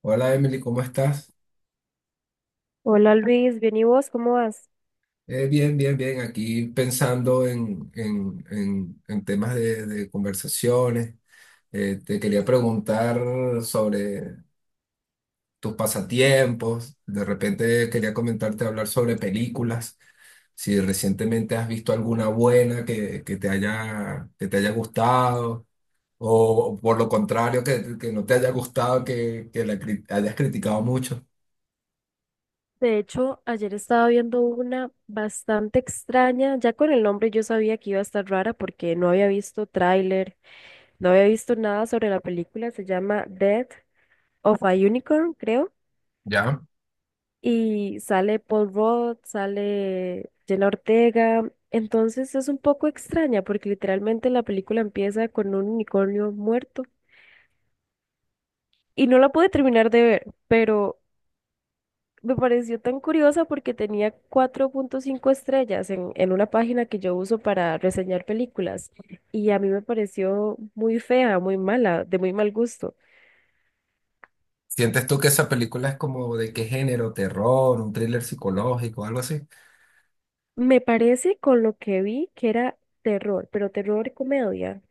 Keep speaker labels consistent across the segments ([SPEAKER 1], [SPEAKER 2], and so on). [SPEAKER 1] Hola Emily, ¿cómo estás?
[SPEAKER 2] Hola Luis, bien y vos, ¿cómo vas?
[SPEAKER 1] Bien, bien, bien. Aquí pensando en temas de conversaciones. Te quería preguntar sobre tus pasatiempos. De repente quería comentarte hablar sobre películas. Si recientemente has visto alguna buena que te haya gustado. O, por lo contrario, que no te haya gustado, que hayas criticado mucho.
[SPEAKER 2] De hecho, ayer estaba viendo una bastante extraña. Ya con el nombre yo sabía que iba a estar rara porque no había visto tráiler, no había visto nada sobre la película. Se llama Death of a Unicorn, creo.
[SPEAKER 1] ¿Ya?
[SPEAKER 2] Y sale Paul Rudd, sale Jenna Ortega. Entonces es un poco extraña porque literalmente la película empieza con un unicornio muerto. Y no la pude terminar de ver, pero me pareció tan curiosa porque tenía 4,5 estrellas en una página que yo uso para reseñar películas y a mí me pareció muy fea, muy mala, de muy mal gusto.
[SPEAKER 1] ¿Sientes tú que esa película es como de qué género? ¿Terror? ¿Un thriller psicológico? ¿Algo así?
[SPEAKER 2] Me parece con lo que vi que era terror, pero terror y comedia.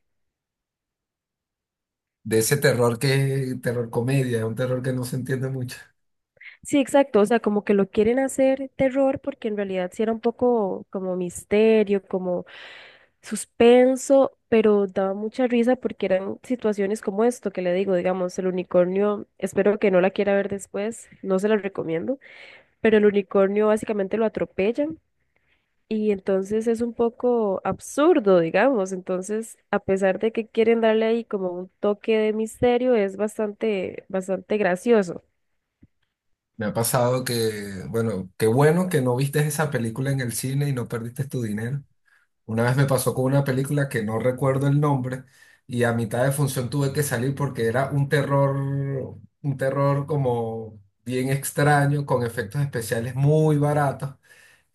[SPEAKER 1] De ese terror que, terror comedia, un terror que no se entiende mucho.
[SPEAKER 2] Sí, exacto, o sea, como que lo quieren hacer terror porque en realidad sí era un poco como misterio, como suspenso, pero daba mucha risa porque eran situaciones como esto que le digo, digamos, el unicornio, espero que no la quiera ver después, no se la recomiendo, pero el unicornio básicamente lo atropellan y entonces es un poco absurdo, digamos, entonces a pesar de que quieren darle ahí como un toque de misterio, es bastante, bastante gracioso.
[SPEAKER 1] Me ha pasado que, bueno, qué bueno que no viste esa película en el cine y no perdiste tu dinero. Una vez me pasó con una película que no recuerdo el nombre y a mitad de función tuve que salir porque era un terror como bien extraño, con efectos especiales muy baratos,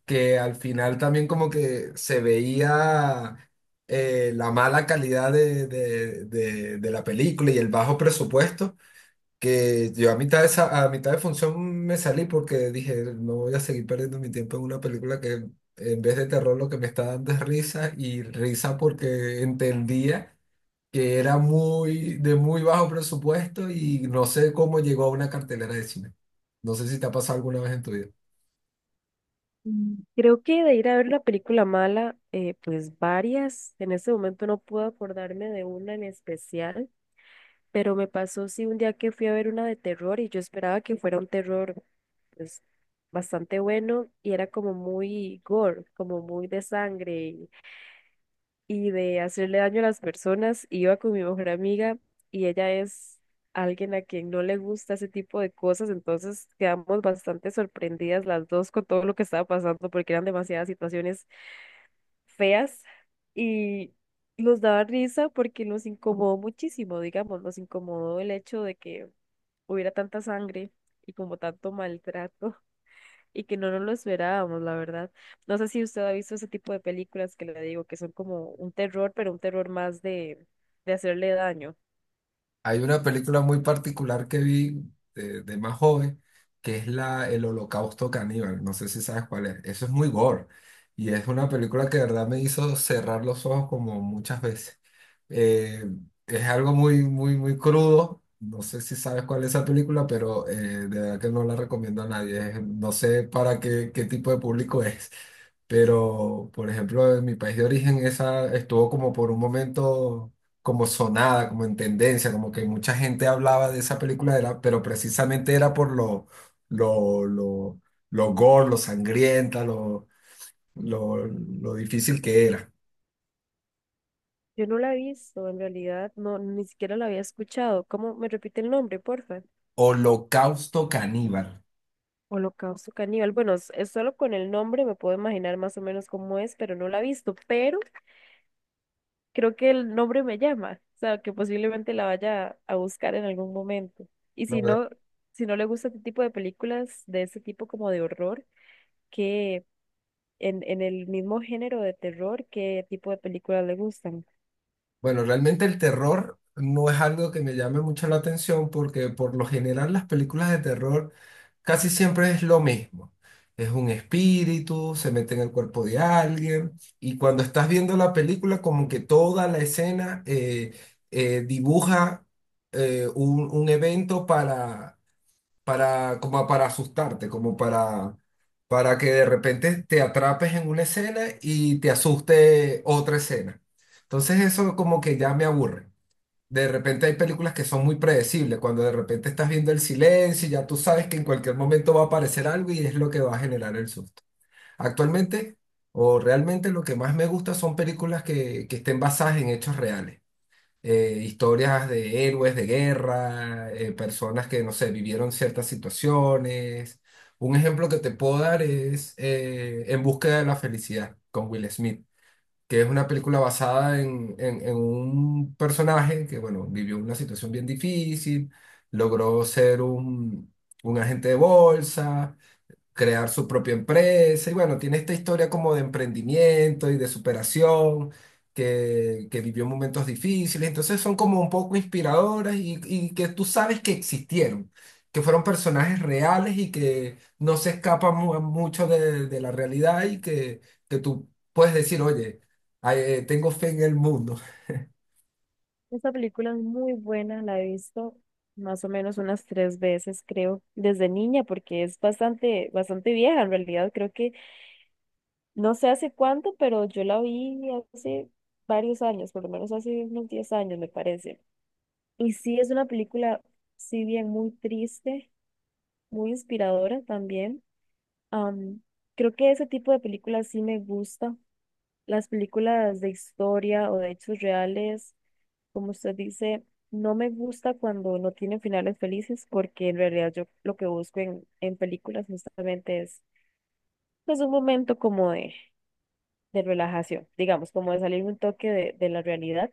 [SPEAKER 1] que al final también como que se veía, la mala calidad de la película y el bajo presupuesto, que yo a mitad de, a mitad de función me salí porque dije, no voy a seguir perdiendo mi tiempo en una película que en vez de terror lo que me está dando es risa y risa porque entendía que era muy de muy bajo presupuesto y no sé cómo llegó a una cartelera de cine. No sé si te ha pasado alguna vez en tu vida.
[SPEAKER 2] Mm. Creo que de ir a ver la película mala, pues varias. En este momento no puedo acordarme de una en especial, pero me pasó sí un día que fui a ver una de terror y yo esperaba que fuera un terror pues bastante bueno y era como muy gore, como muy de sangre y de hacerle daño a las personas. Iba con mi mejor amiga y ella es alguien a quien no le gusta ese tipo de cosas, entonces quedamos bastante sorprendidas las dos con todo lo que estaba pasando porque eran demasiadas situaciones feas y nos daba risa porque nos incomodó muchísimo, digamos, nos incomodó el hecho de que hubiera tanta sangre y como tanto maltrato y que no nos lo esperábamos, la verdad. No sé si usted ha visto ese tipo de películas que le digo, que son como un terror, pero un terror más de hacerle daño.
[SPEAKER 1] Hay una película muy particular que vi de más joven, que es la El Holocausto Caníbal. No sé si sabes cuál es. Eso es muy gore. Y es una película que de verdad me hizo cerrar los ojos como muchas veces. Eh, es algo muy, muy, muy crudo. No sé si sabes cuál es esa película, pero de verdad que no la recomiendo a nadie. No sé para qué tipo de público es. Pero, por ejemplo, en mi país de origen, esa estuvo como por un momento como sonada, como en tendencia, como que mucha gente hablaba de esa película, era, pero precisamente era por lo, lo, lo gore, lo sangrienta, lo difícil que era.
[SPEAKER 2] Yo no la he visto, en realidad, no, ni siquiera la había escuchado. ¿Cómo me repite el nombre, porfa?
[SPEAKER 1] Holocausto caníbal.
[SPEAKER 2] Holocausto Caníbal. Bueno, es solo con el nombre me puedo imaginar más o menos cómo es, pero no la he visto, pero creo que el nombre me llama, o sea, que posiblemente la vaya a buscar en algún momento. Y si no, si no le gusta este tipo de películas, de ese tipo como de horror, qué en el mismo género de terror, qué tipo de películas le gustan.
[SPEAKER 1] Bueno, realmente el terror no es algo que me llame mucho la atención porque por lo general las películas de terror casi siempre es lo mismo. Es un espíritu, se mete en el cuerpo de alguien y cuando estás viendo la película como que toda la escena, dibuja un evento para como para asustarte, como para que de repente te atrapes en una escena y te asuste otra escena. Entonces eso como que ya me aburre. De repente hay películas que son muy predecibles, cuando de repente estás viendo el silencio y ya tú sabes que en cualquier momento va a aparecer algo y es lo que va a generar el susto. Actualmente o realmente lo que más me gusta son películas que estén basadas en hechos reales, historias de héroes de guerra, personas que, no sé, vivieron ciertas situaciones. Un ejemplo que te puedo dar es, En búsqueda de la felicidad, con Will Smith, que es una película basada en un personaje que, bueno, vivió una situación bien difícil, logró ser un agente de bolsa, crear su propia empresa y, bueno, tiene esta historia como de emprendimiento y de superación, que vivió momentos difíciles, entonces son como un poco inspiradoras y que tú sabes que existieron, que fueron personajes reales y que no se escapan mucho de la realidad y que tú puedes decir, oye, ay, tengo fe en el mundo.
[SPEAKER 2] Esta película es muy buena, la he visto más o menos unas tres veces, creo, desde niña, porque es bastante, bastante vieja en realidad. Creo que no sé hace cuánto, pero yo la vi hace varios años, por lo menos hace unos 10 años, me parece. Y sí, es una película, si bien muy triste, muy inspiradora también. Am, creo que ese tipo de películas sí me gusta. Las películas de historia o de hechos reales, como usted dice, no me gusta cuando no tienen finales felices porque en realidad yo lo que busco en películas justamente es pues un momento como de relajación, digamos, como de salir un toque de la realidad.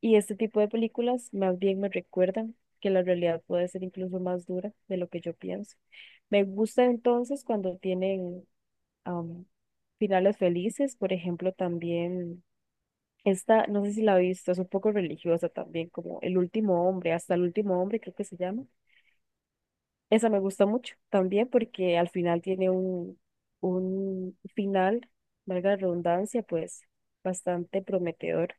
[SPEAKER 2] Y este tipo de películas más bien me recuerdan que la realidad puede ser incluso más dura de lo que yo pienso. Me gusta entonces cuando tienen am, finales felices, por ejemplo, también esta, no sé si la viste, es un poco religiosa también, como El último hombre, hasta el último hombre creo que se llama. Esa me gusta mucho también porque al final tiene un final, valga la redundancia, pues bastante prometedor.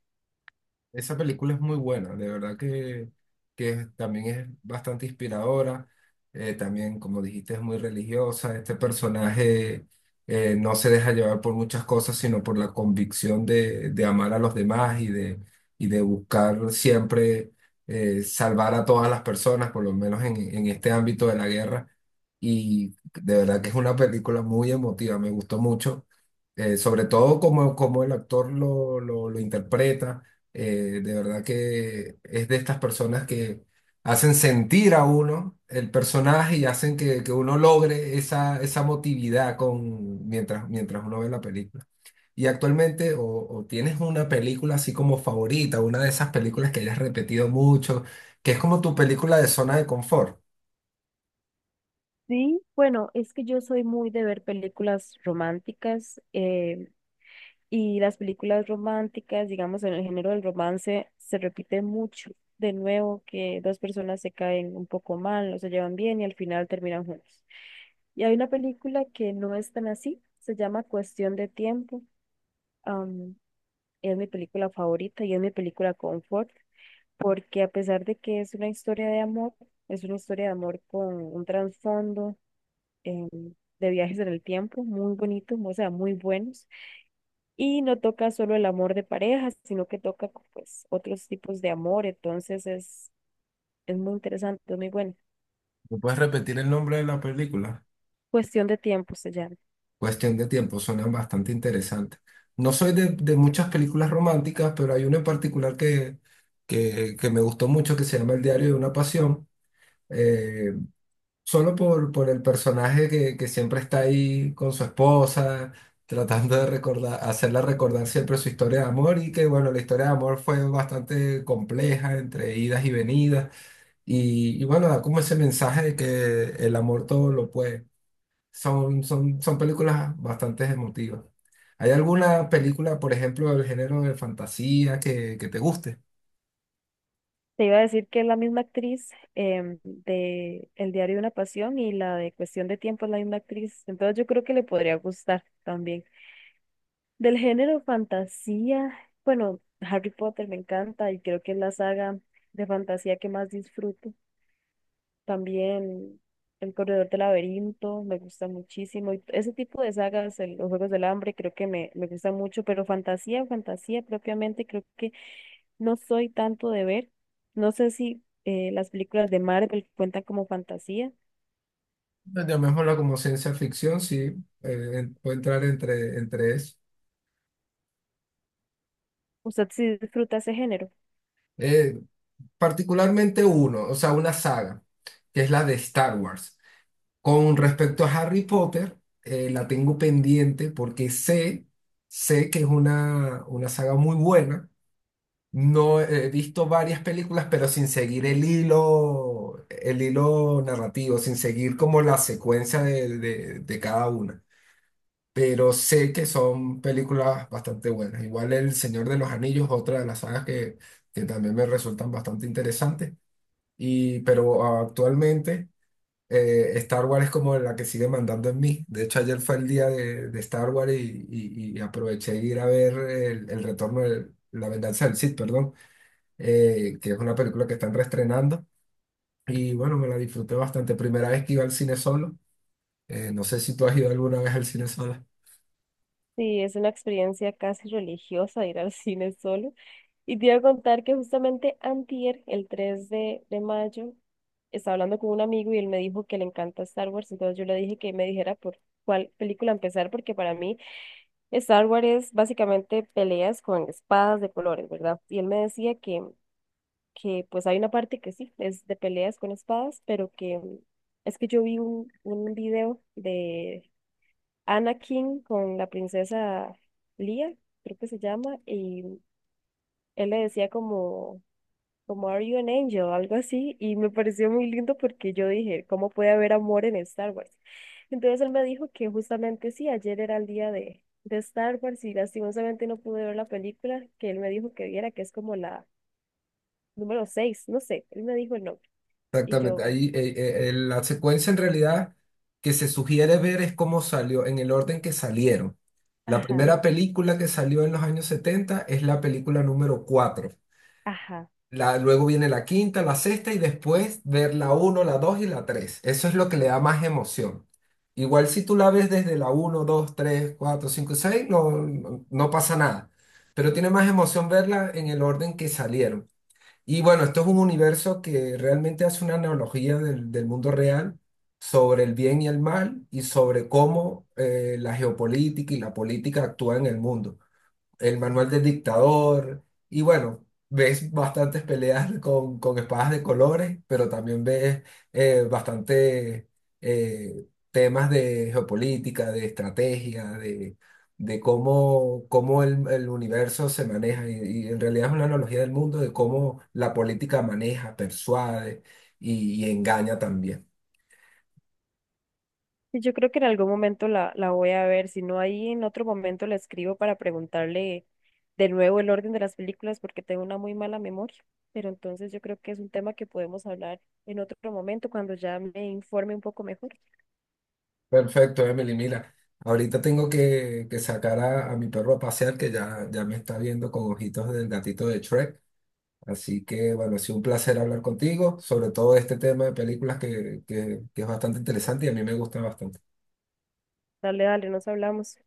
[SPEAKER 1] Esa película es muy buena, de verdad que también es bastante inspiradora. También, como dijiste, es muy religiosa. Este personaje, no se deja llevar por muchas cosas, sino por la convicción de amar a los demás y de buscar siempre, salvar a todas las personas, por lo menos en este ámbito de la guerra. Y de verdad que es una película muy emotiva, me gustó mucho, sobre todo como el actor lo interpreta. De verdad que es de estas personas que hacen sentir a uno el personaje y hacen que uno logre esa, esa emotividad mientras uno ve la película. Y actualmente, o tienes una película así como favorita, una de esas películas que hayas repetido mucho, que es como tu película de zona de confort.
[SPEAKER 2] Sí, bueno, es que yo soy muy de ver películas románticas. Y las películas románticas, digamos, en el género del romance, se repite mucho. De nuevo, que dos personas se caen un poco mal, no se llevan bien y al final terminan juntos. Y hay una película que no es tan así, se llama Cuestión de Tiempo. am, es mi película favorita y es mi película confort, porque a pesar de que es una historia de amor, es una historia de amor con un trasfondo em, de viajes en el tiempo muy bonito, o sea, muy buenos y no toca solo el amor de pareja, sino que toca pues otros tipos de amor. Entonces es muy interesante, es muy bueno.
[SPEAKER 1] ¿Me puedes repetir el nombre de la película?
[SPEAKER 2] Cuestión de tiempo se llama.
[SPEAKER 1] Cuestión de tiempo. Suenan bastante interesantes. No soy de muchas películas románticas, pero hay una en particular que me gustó mucho, que se llama El diario de una pasión, eh, solo por el personaje que siempre está ahí con su esposa, tratando de recordar, hacerla recordar siempre su historia de amor y que, bueno, la historia de amor fue bastante compleja, entre idas y venidas, y bueno, da como ese mensaje de que el amor todo lo puede. Son películas bastante emotivas. ¿Hay alguna película, por ejemplo, del género de fantasía que te guste?
[SPEAKER 2] Te iba a decir que es la misma actriz de El diario de una pasión y la de Cuestión de tiempo es la misma actriz. Entonces yo creo que le podría gustar también. Del género fantasía, bueno, Harry Potter me encanta y creo que es la saga de fantasía que más disfruto. También El Corredor del Laberinto, me gusta muchísimo. Y ese tipo de sagas, los Juegos del Hambre, creo que me gusta mucho, pero fantasía, fantasía propiamente, creo que no soy tanto de ver. No sé si las películas de Marvel cuentan como fantasía.
[SPEAKER 1] Llamémosla como ciencia ficción, sí, puede entrar entre eso.
[SPEAKER 2] ¿Usted sí disfruta ese género?
[SPEAKER 1] Eh, particularmente uno, o sea, una saga, que es la de Star Wars. Con respecto a Harry Potter, la tengo pendiente porque sé que es una saga muy buena. No he visto varias películas, pero sin seguir el hilo narrativo, sin seguir como la secuencia de cada una. Pero sé que son películas bastante buenas. Igual El Señor de los Anillos, otra de las sagas que también me resultan bastante interesantes. Pero actualmente, Star Wars es como la que sigue mandando en mí. De hecho, ayer fue el día de Star Wars, y aproveché de ir a ver el retorno de la venganza del Sith, perdón, que es una película que están reestrenando. Y bueno, me la disfruté bastante. Primera vez que iba al cine solo. No sé si tú has ido alguna vez al cine solo.
[SPEAKER 2] Sí, es una experiencia casi religiosa ir al cine solo. Y te iba a contar que justamente antier, el 3 de mayo, estaba hablando con un amigo y él me dijo que le encanta Star Wars, entonces yo le dije que me dijera por cuál película empezar, porque para mí Star Wars es básicamente peleas con espadas de colores, ¿verdad? Y él me decía que pues hay una parte que sí, es de peleas con espadas, pero que es que yo vi un video de Anakin con la princesa Leia, creo que se llama, y él le decía como como Are You an Angel, algo así, y me pareció muy lindo porque yo dije, ¿cómo puede haber amor en Star Wars? Entonces él me dijo que justamente sí, ayer era el día de Star Wars y lastimosamente no pude ver la película que él me dijo que viera, que es como la número 6 no sé, él me dijo el nombre, y yo,
[SPEAKER 1] Exactamente. Ahí, la secuencia, en realidad, que se sugiere ver es cómo salió, en el orden que salieron. La
[SPEAKER 2] ajá,
[SPEAKER 1] primera película que salió en los años 70 es la película número cuatro.
[SPEAKER 2] ajá.
[SPEAKER 1] Luego viene la quinta, la sexta y después ver la uno, la 2 y la tres. Eso es lo que le da más emoción. Igual, si tú la ves desde la uno, dos, tres, cuatro, cinco, seis, no, no, no pasa nada. Pero tiene más emoción verla en el orden que salieron. Y bueno, esto es un universo que realmente hace una analogía del mundo real, sobre el bien y el mal, y sobre cómo, la geopolítica y la política actúa en el mundo, el manual del dictador, y, bueno, ves bastantes peleas con espadas de colores, pero también ves, bastante, temas de geopolítica, de estrategia, de cómo el universo se maneja, y en realidad es una analogía del mundo, de cómo la política maneja, persuade y engaña también.
[SPEAKER 2] Sí, yo creo que en algún momento la voy a ver, si no ahí en otro momento le escribo para preguntarle de nuevo el orden de las películas porque tengo una muy mala memoria, pero entonces yo creo que es un tema que podemos hablar en otro momento cuando ya me informe un poco mejor.
[SPEAKER 1] Perfecto, Emily. Mira, ahorita tengo que sacar a mi perro a pasear, que ya me está viendo con ojitos del gatito de Shrek. Así que, bueno, ha sido un placer hablar contigo, sobre todo de este tema de películas que es bastante interesante y a mí me gusta bastante.
[SPEAKER 2] Dale, dale, nos hablamos.